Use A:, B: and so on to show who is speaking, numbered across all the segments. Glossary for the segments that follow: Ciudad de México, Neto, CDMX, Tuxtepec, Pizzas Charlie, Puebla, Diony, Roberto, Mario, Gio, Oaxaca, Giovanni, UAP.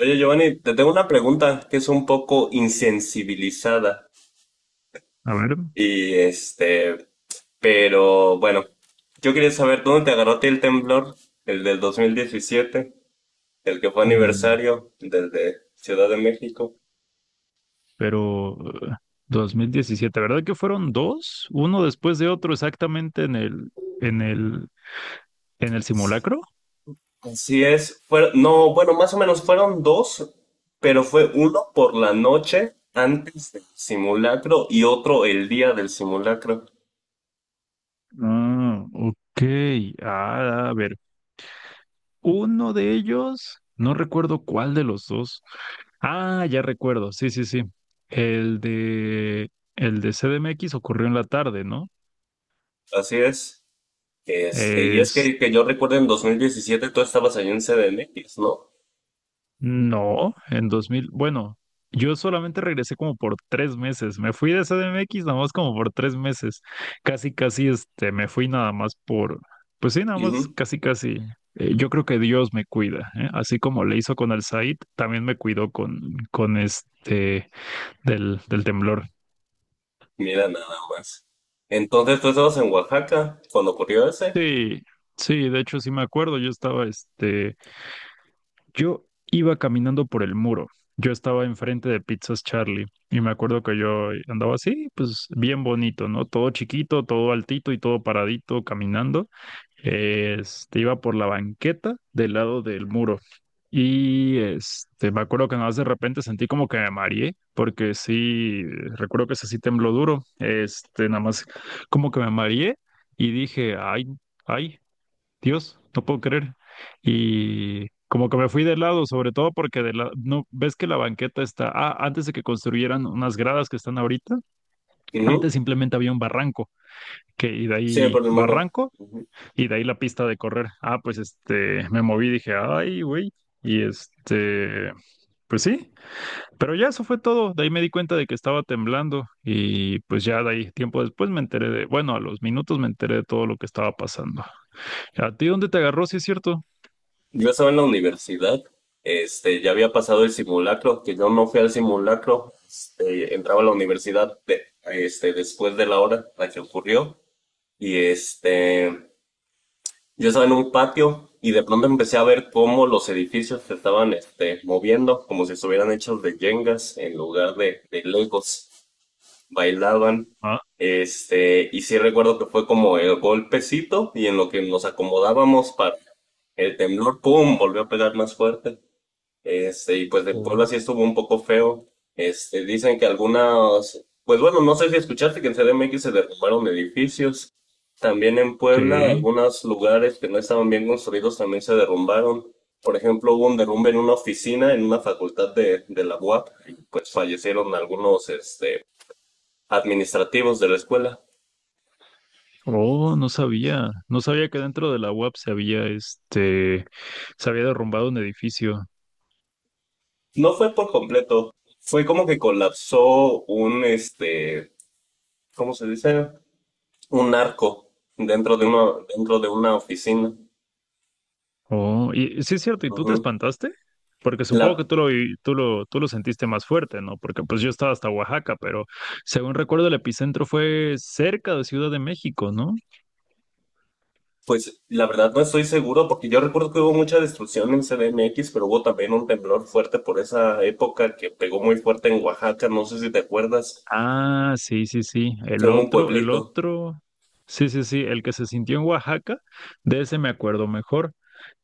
A: Oye, Giovanni, te tengo una pregunta que es un poco insensibilizada
B: A ver,
A: y pero bueno, yo quería saber dónde te agarró a ti el temblor, el del 2017, el que fue
B: mm,
A: aniversario del de Ciudad de México.
B: pero eh, 2017, ¿verdad que fueron dos? Uno después de otro exactamente en el, en el, en el simulacro.
A: Así es, fueron, no, bueno, más o menos fueron dos, pero fue uno por la noche antes del simulacro y otro el día del simulacro.
B: Ah, ok. Ah, a ver, uno de ellos, no recuerdo cuál de los dos. Ah, ya recuerdo, sí, sí, sí. El de, el de CDMX ocurrió en la tarde, ¿no?
A: Así es. Y es que, yo recuerdo en 2017 tú estabas allí en C D M X, ¿no?
B: No, en 2000. Bueno, yo solamente regresé como por 3 meses, me fui de C D M X nada más como por 3 meses, casi casi este, me fui nada más por, pues sí, nada más
A: Ujú.
B: casi casi, yo creo que Dios me cuida, ¿eh? Así como le hizo con el Said, también me cuidó con este, del, del temblor.
A: Mira nada más. Entonces tú estabas en Oaxaca cuando ocurrió ese.
B: Sí, sí, de hecho sí me acuerdo, yo estaba este Yo Iba caminando por el muro. Yo estaba enfrente de Pizzas Charlie y me acuerdo que yo andaba así, pues bien bonito, ¿no? Todo chiquito, todo altito y todo paradito caminando. Este, iba por la banqueta del lado del muro. Y este, me acuerdo que nada más de repente sentí como que me mareé, porque sí, recuerdo que ese sí tembló duro. Este, nada más como que me mareé y dije, ay, ay. Dios, no puedo creer. Y como que me fui de lado, sobre todo porque de la, no, ves que la banqueta está, ah, antes de que construyeran unas gradas que están ahorita,
A: Ujú.
B: antes simplemente había un barranco, que y de
A: Sí,
B: ahí
A: por el muro.
B: barranco
A: Ujú.
B: y de ahí la pista de correr. Ah, pues este, me moví, dije, ay, güey, y este, pues sí, pero ya eso fue todo. De ahí me di cuenta de que estaba temblando y pues ya de ahí, tiempo después me enteré de, bueno, a los minutos me enteré de todo lo que estaba pasando. ¿A ti dónde te agarró, si es cierto?
A: Yo estaba en la universidad. Ya había pasado el simulacro, que yo no fui al simulacro. Entraba a la universidad después de la hora la que ocurrió. Y yo estaba en un patio y de pronto empecé a ver cómo los edificios se estaban moviendo, como si estuvieran hechos de yengas en lugar de, legos. Bailaban. Y sí recuerdo que fue como el golpecito y en lo que nos acomodábamos para el temblor, ¡pum!, volvió a pegar más fuerte. Y pues del Puebla
B: Oh.
A: sí estuvo un poco feo. Dicen que algunas, pues bueno, no sé si escuchaste que en CDMX se derrumbaron edificios. También en Puebla,
B: Sí.
A: algunos lugares que no estaban bien construidos también se derrumbaron. Por ejemplo, hubo un derrumbe en una oficina en una facultad de, la UAP, y pues fallecieron algunos, administrativos de la escuela.
B: Oh, no sabía. No sabía que dentro de la UAP se había, este, se había derrumbado un edificio.
A: No fue por completo, fue como que colapsó un, ¿cómo se dice? Un narco dentro de una, oficina.
B: Oh, y sí es cierto, ¿y tú te
A: Ujú.
B: espantaste? Porque supongo que
A: La,
B: tú lo, vi- tú lo sentiste más fuerte, ¿no? Porque pues yo estaba hasta Oaxaca, pero según recuerdo el epicentro fue cerca de Ciudad de México, ¿no?
A: pues la verdad no estoy seguro porque yo recuerdo que hubo mucha destrucción en CDMX, pero hubo también un temblor fuerte por esa época que pegó muy fuerte en Oaxaca, no sé si te acuerdas,
B: Ah, sí, sí, sí.
A: que
B: El
A: hubo un
B: otro, el
A: pueblito.
B: otro. Sí, sí, sí. El que se sintió en Oaxaca, de ese me acuerdo mejor.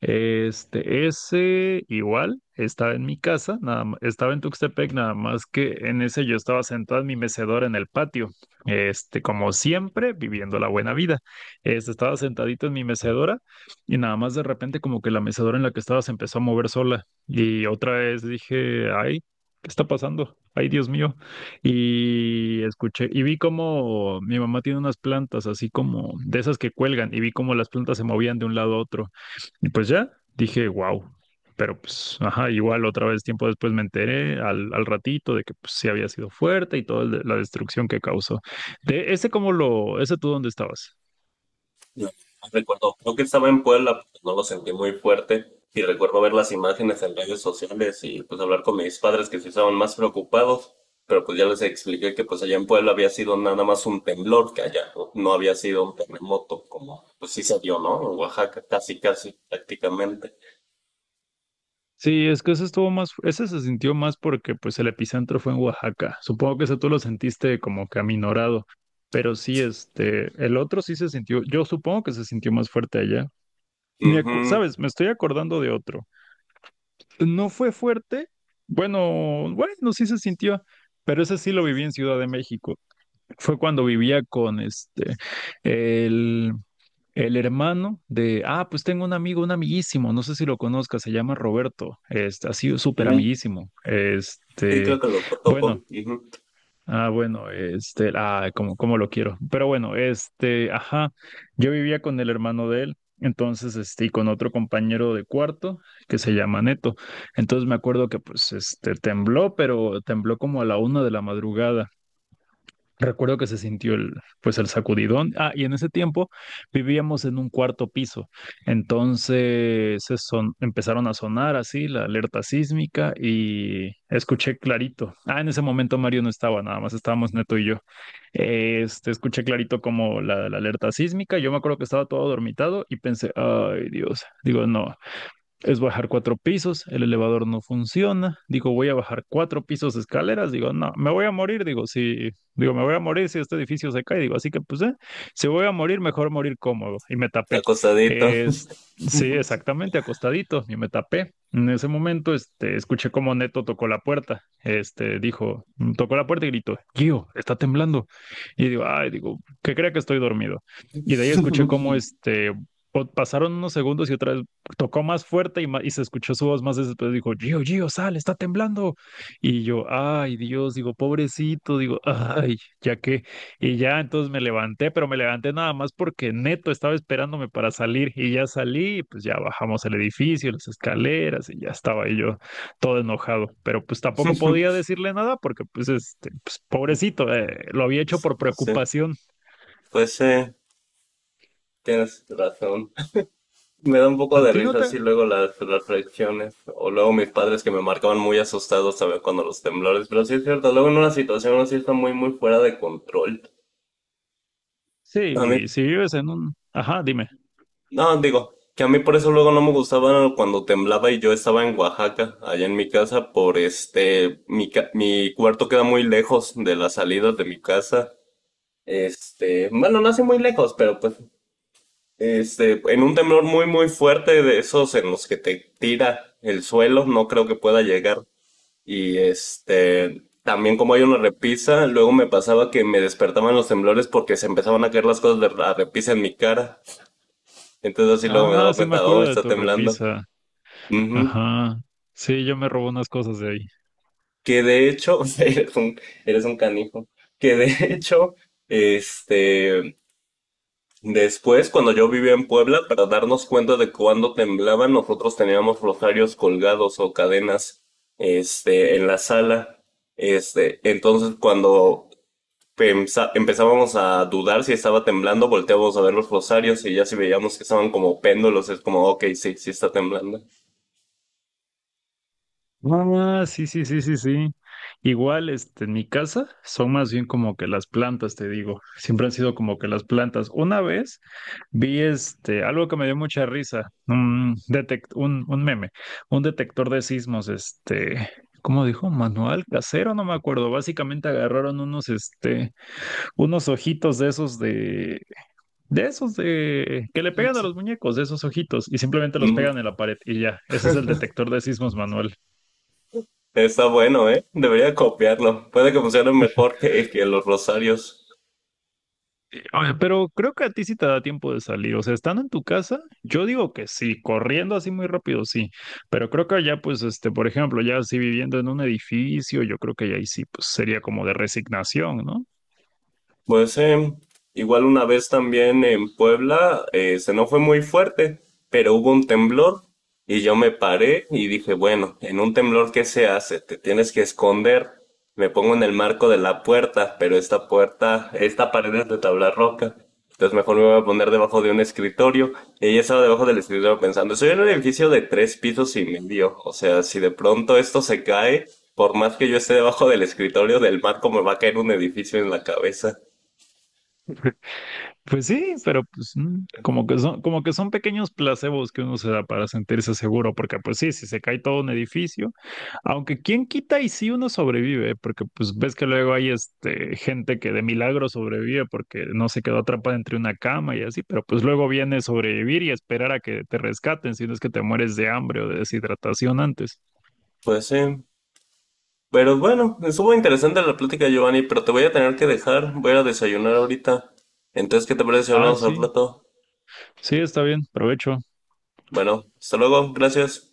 B: Este, ese igual estaba en mi casa, nada, ma- estaba en Tuxtepec, nada más que en ese yo estaba sentado en mi mecedora en el patio. Este, como siempre, viviendo la buena vida. Este, estaba sentadito en mi mecedora y nada más de repente como que la mecedora en la que estaba se empezó a mover sola. Y otra vez dije, ay, ¿qué está pasando? Ay, Dios mío. Y escuché, y vi como mi mamá tiene unas plantas así como de esas que cuelgan, y vi como las plantas se movían de un lado a otro. Y pues ya, dije, wow. Pero pues, ajá, igual otra vez tiempo después me enteré al, al ratito de que pues, sí había sido fuerte y toda la destrucción que causó. De ese, cómo lo, ¿ese tú dónde estabas?
A: No, no recuerdo, creo que estaba en Puebla, pues, no lo sentí muy fuerte y recuerdo ver las imágenes en redes sociales y pues hablar con mis padres que sí estaban más preocupados, pero pues ya les expliqué que pues allá en Puebla había sido nada más un temblor, que allá no, no había sido un terremoto como pues sí se dio, ¿no? En Oaxaca, casi, casi, prácticamente.
B: Sí, es que ese estuvo más, ese se sintió más porque pues el epicentro fue en Oaxaca. Supongo que ese tú lo sentiste como que aminorado, pero sí, este, el otro sí se sintió, yo supongo que se sintió más fuerte allá. Me acu-
A: Ujú,
B: ¿sabes? Me estoy acordando de otro. No fue fuerte, bueno, bueno, sí se sintió, pero ese sí lo viví en Ciudad de México. Fue cuando vivía con este, el, el hermano de, ah, pues tengo un amigo, un amiguísimo, no sé si lo conozcas, se llama Roberto, este, ha sido súper
A: ujú.
B: amiguísimo,
A: Sí, creo
B: este,
A: que lo topo,
B: bueno,
A: ujú.
B: ah, bueno, este, ah, como, como lo quiero, pero bueno, este, ajá, yo vivía con el hermano de él, entonces, este, y con otro compañero de cuarto que se llama Neto, entonces me acuerdo que, pues, este, tembló, pero tembló como a la una de la madrugada. Recuerdo que se sintió el, pues el sacudidón. Ah, y en ese tiempo vivíamos en un cuarto piso. Entonces se son, empezaron a sonar así la alerta sísmica y escuché clarito. Ah, en ese momento Mario no estaba, nada más estábamos Neto y yo. Este, escuché clarito como la alerta sísmica. Yo me acuerdo que estaba todo dormitado y pensé, ay Dios, digo, no, es bajar 4 pisos, el elevador no funciona, digo, voy a bajar 4 pisos de escaleras, digo, no, me voy a morir, digo, si, digo, me voy a morir si este edificio se cae, digo, así que pues, si voy a morir, mejor morir cómodo, y me tapé.
A: Acostadito.
B: Es, sí, exactamente, acostadito, y me tapé. En ese momento, este, escuché cómo Neto tocó la puerta, este, dijo, tocó la puerta y gritó, Gio, está temblando. Y digo, ay, digo, que crea que estoy dormido. Y de ahí escuché cómo este, po- pasaron unos segundos y otra vez tocó más fuerte y, ma- y se escuchó su voz más después. Dijo, Gio, Gio, sal, está temblando. Y yo, ay, Dios, digo, pobrecito, digo, ay, ya que. Y ya entonces me levanté, pero me levanté nada más porque Neto estaba esperándome para salir y ya salí, y pues ya bajamos el edificio, las escaleras y ya estaba ahí yo todo enojado. Pero pues tampoco podía decirle nada porque pues, este, pues pobrecito, lo había hecho por
A: Sí,
B: preocupación.
A: pues sí, tienes razón. Me da un
B: ¿A
A: poco de
B: ti no
A: risa
B: te?
A: así luego las, reacciones, o luego mis padres que me marcaban muy asustados, ¿sabes? Cuando los temblores, pero sí es cierto, luego en una situación así está muy, muy fuera de control. A mí,
B: Sí, si vives en un... Ajá, dime.
A: no, digo, que a mí por eso luego no me gustaba cuando temblaba y yo estaba en Oaxaca, allá en mi casa, por mi cuarto queda muy lejos de las salidas de mi casa, bueno, no así muy lejos, pero pues en un temblor muy, muy fuerte de esos en los que te tira el suelo, no creo que pueda llegar. Y también como hay una repisa, luego me pasaba que me despertaban los temblores porque se empezaban a caer las cosas de la repisa en mi cara. Entonces así luego me
B: Ah,
A: daba
B: sí me
A: cuenta, oh,
B: acuerdo de
A: está
B: tu
A: temblando.
B: repisa.
A: Ujú.
B: Ajá. Sí, yo me robé unas cosas de ahí.
A: Que de hecho, eres un canijo. Que de hecho, este, después cuando yo vivía en Puebla, para darnos cuenta de cuándo temblaba, nosotros teníamos rosarios colgados o cadenas, en la sala. Entonces cuando empezábamos a dudar si estaba temblando, volteábamos a ver los rosarios y ya si veíamos que estaban como péndulos, es como, ok, sí, sí está temblando.
B: Ah, sí, sí, sí, sí, sí. Igual, este, en mi casa son más bien como que las plantas, te digo. Siempre han sido como que las plantas. Una vez vi este, algo que me dio mucha risa, un detect, un meme, un detector de sismos, este, ¿cómo dijo? Manual casero, no me acuerdo. Básicamente agarraron unos, este, unos ojitos de esos, de que le pegan a los muñecos, de esos ojitos, y simplemente los
A: Ujú.
B: pegan en la pared y ya. Ese es el detector de sismos manual.
A: Está bueno, ¿eh? Debería copiarlo. Puede que funcione mejor que, los rosarios.
B: Oye, pero creo que a ti sí te da tiempo de salir. O sea, estando en tu casa, yo digo que sí, corriendo así muy rápido, sí. Pero creo que allá, pues, este, por ejemplo, ya así viviendo en un edificio, yo creo que ya ahí sí, pues sería como de resignación, ¿no?
A: Pues igual una vez también en Puebla, se no fue muy fuerte, pero hubo un temblor y yo me paré y dije, bueno, en un temblor, ¿qué se hace? Te tienes que esconder. Me pongo en el marco de la puerta, pero esta puerta, esta pared es de tabla roca. Entonces mejor me voy a poner debajo de un escritorio. Y ella estaba debajo del escritorio pensando, soy en un edificio de tres pisos y medio. O sea, si de pronto esto se cae, por más que yo esté debajo del escritorio del marco, me va a caer un edificio en la cabeza.
B: Pues sí, pero pues como que son pequeños placebos que uno se da para sentirse seguro, porque pues sí, si se cae todo un edificio, aunque quién quita y si uno sobrevive, porque pues ves que luego hay este gente que de milagro sobrevive porque no se quedó atrapada entre una cama y así, pero pues luego viene sobrevivir y esperar a que te rescaten, si no es que te mueres de hambre o de deshidratación antes.
A: Pues sí. Pero bueno, estuvo interesante la plática, Giovanni, pero te voy a tener que dejar. Voy a ir a desayunar ahorita. Entonces, ¿qué te parece si
B: Ah,
A: hablamos al
B: sí,
A: plato?
B: sí, está bien, provecho.
A: Bueno, hasta luego. Gracias.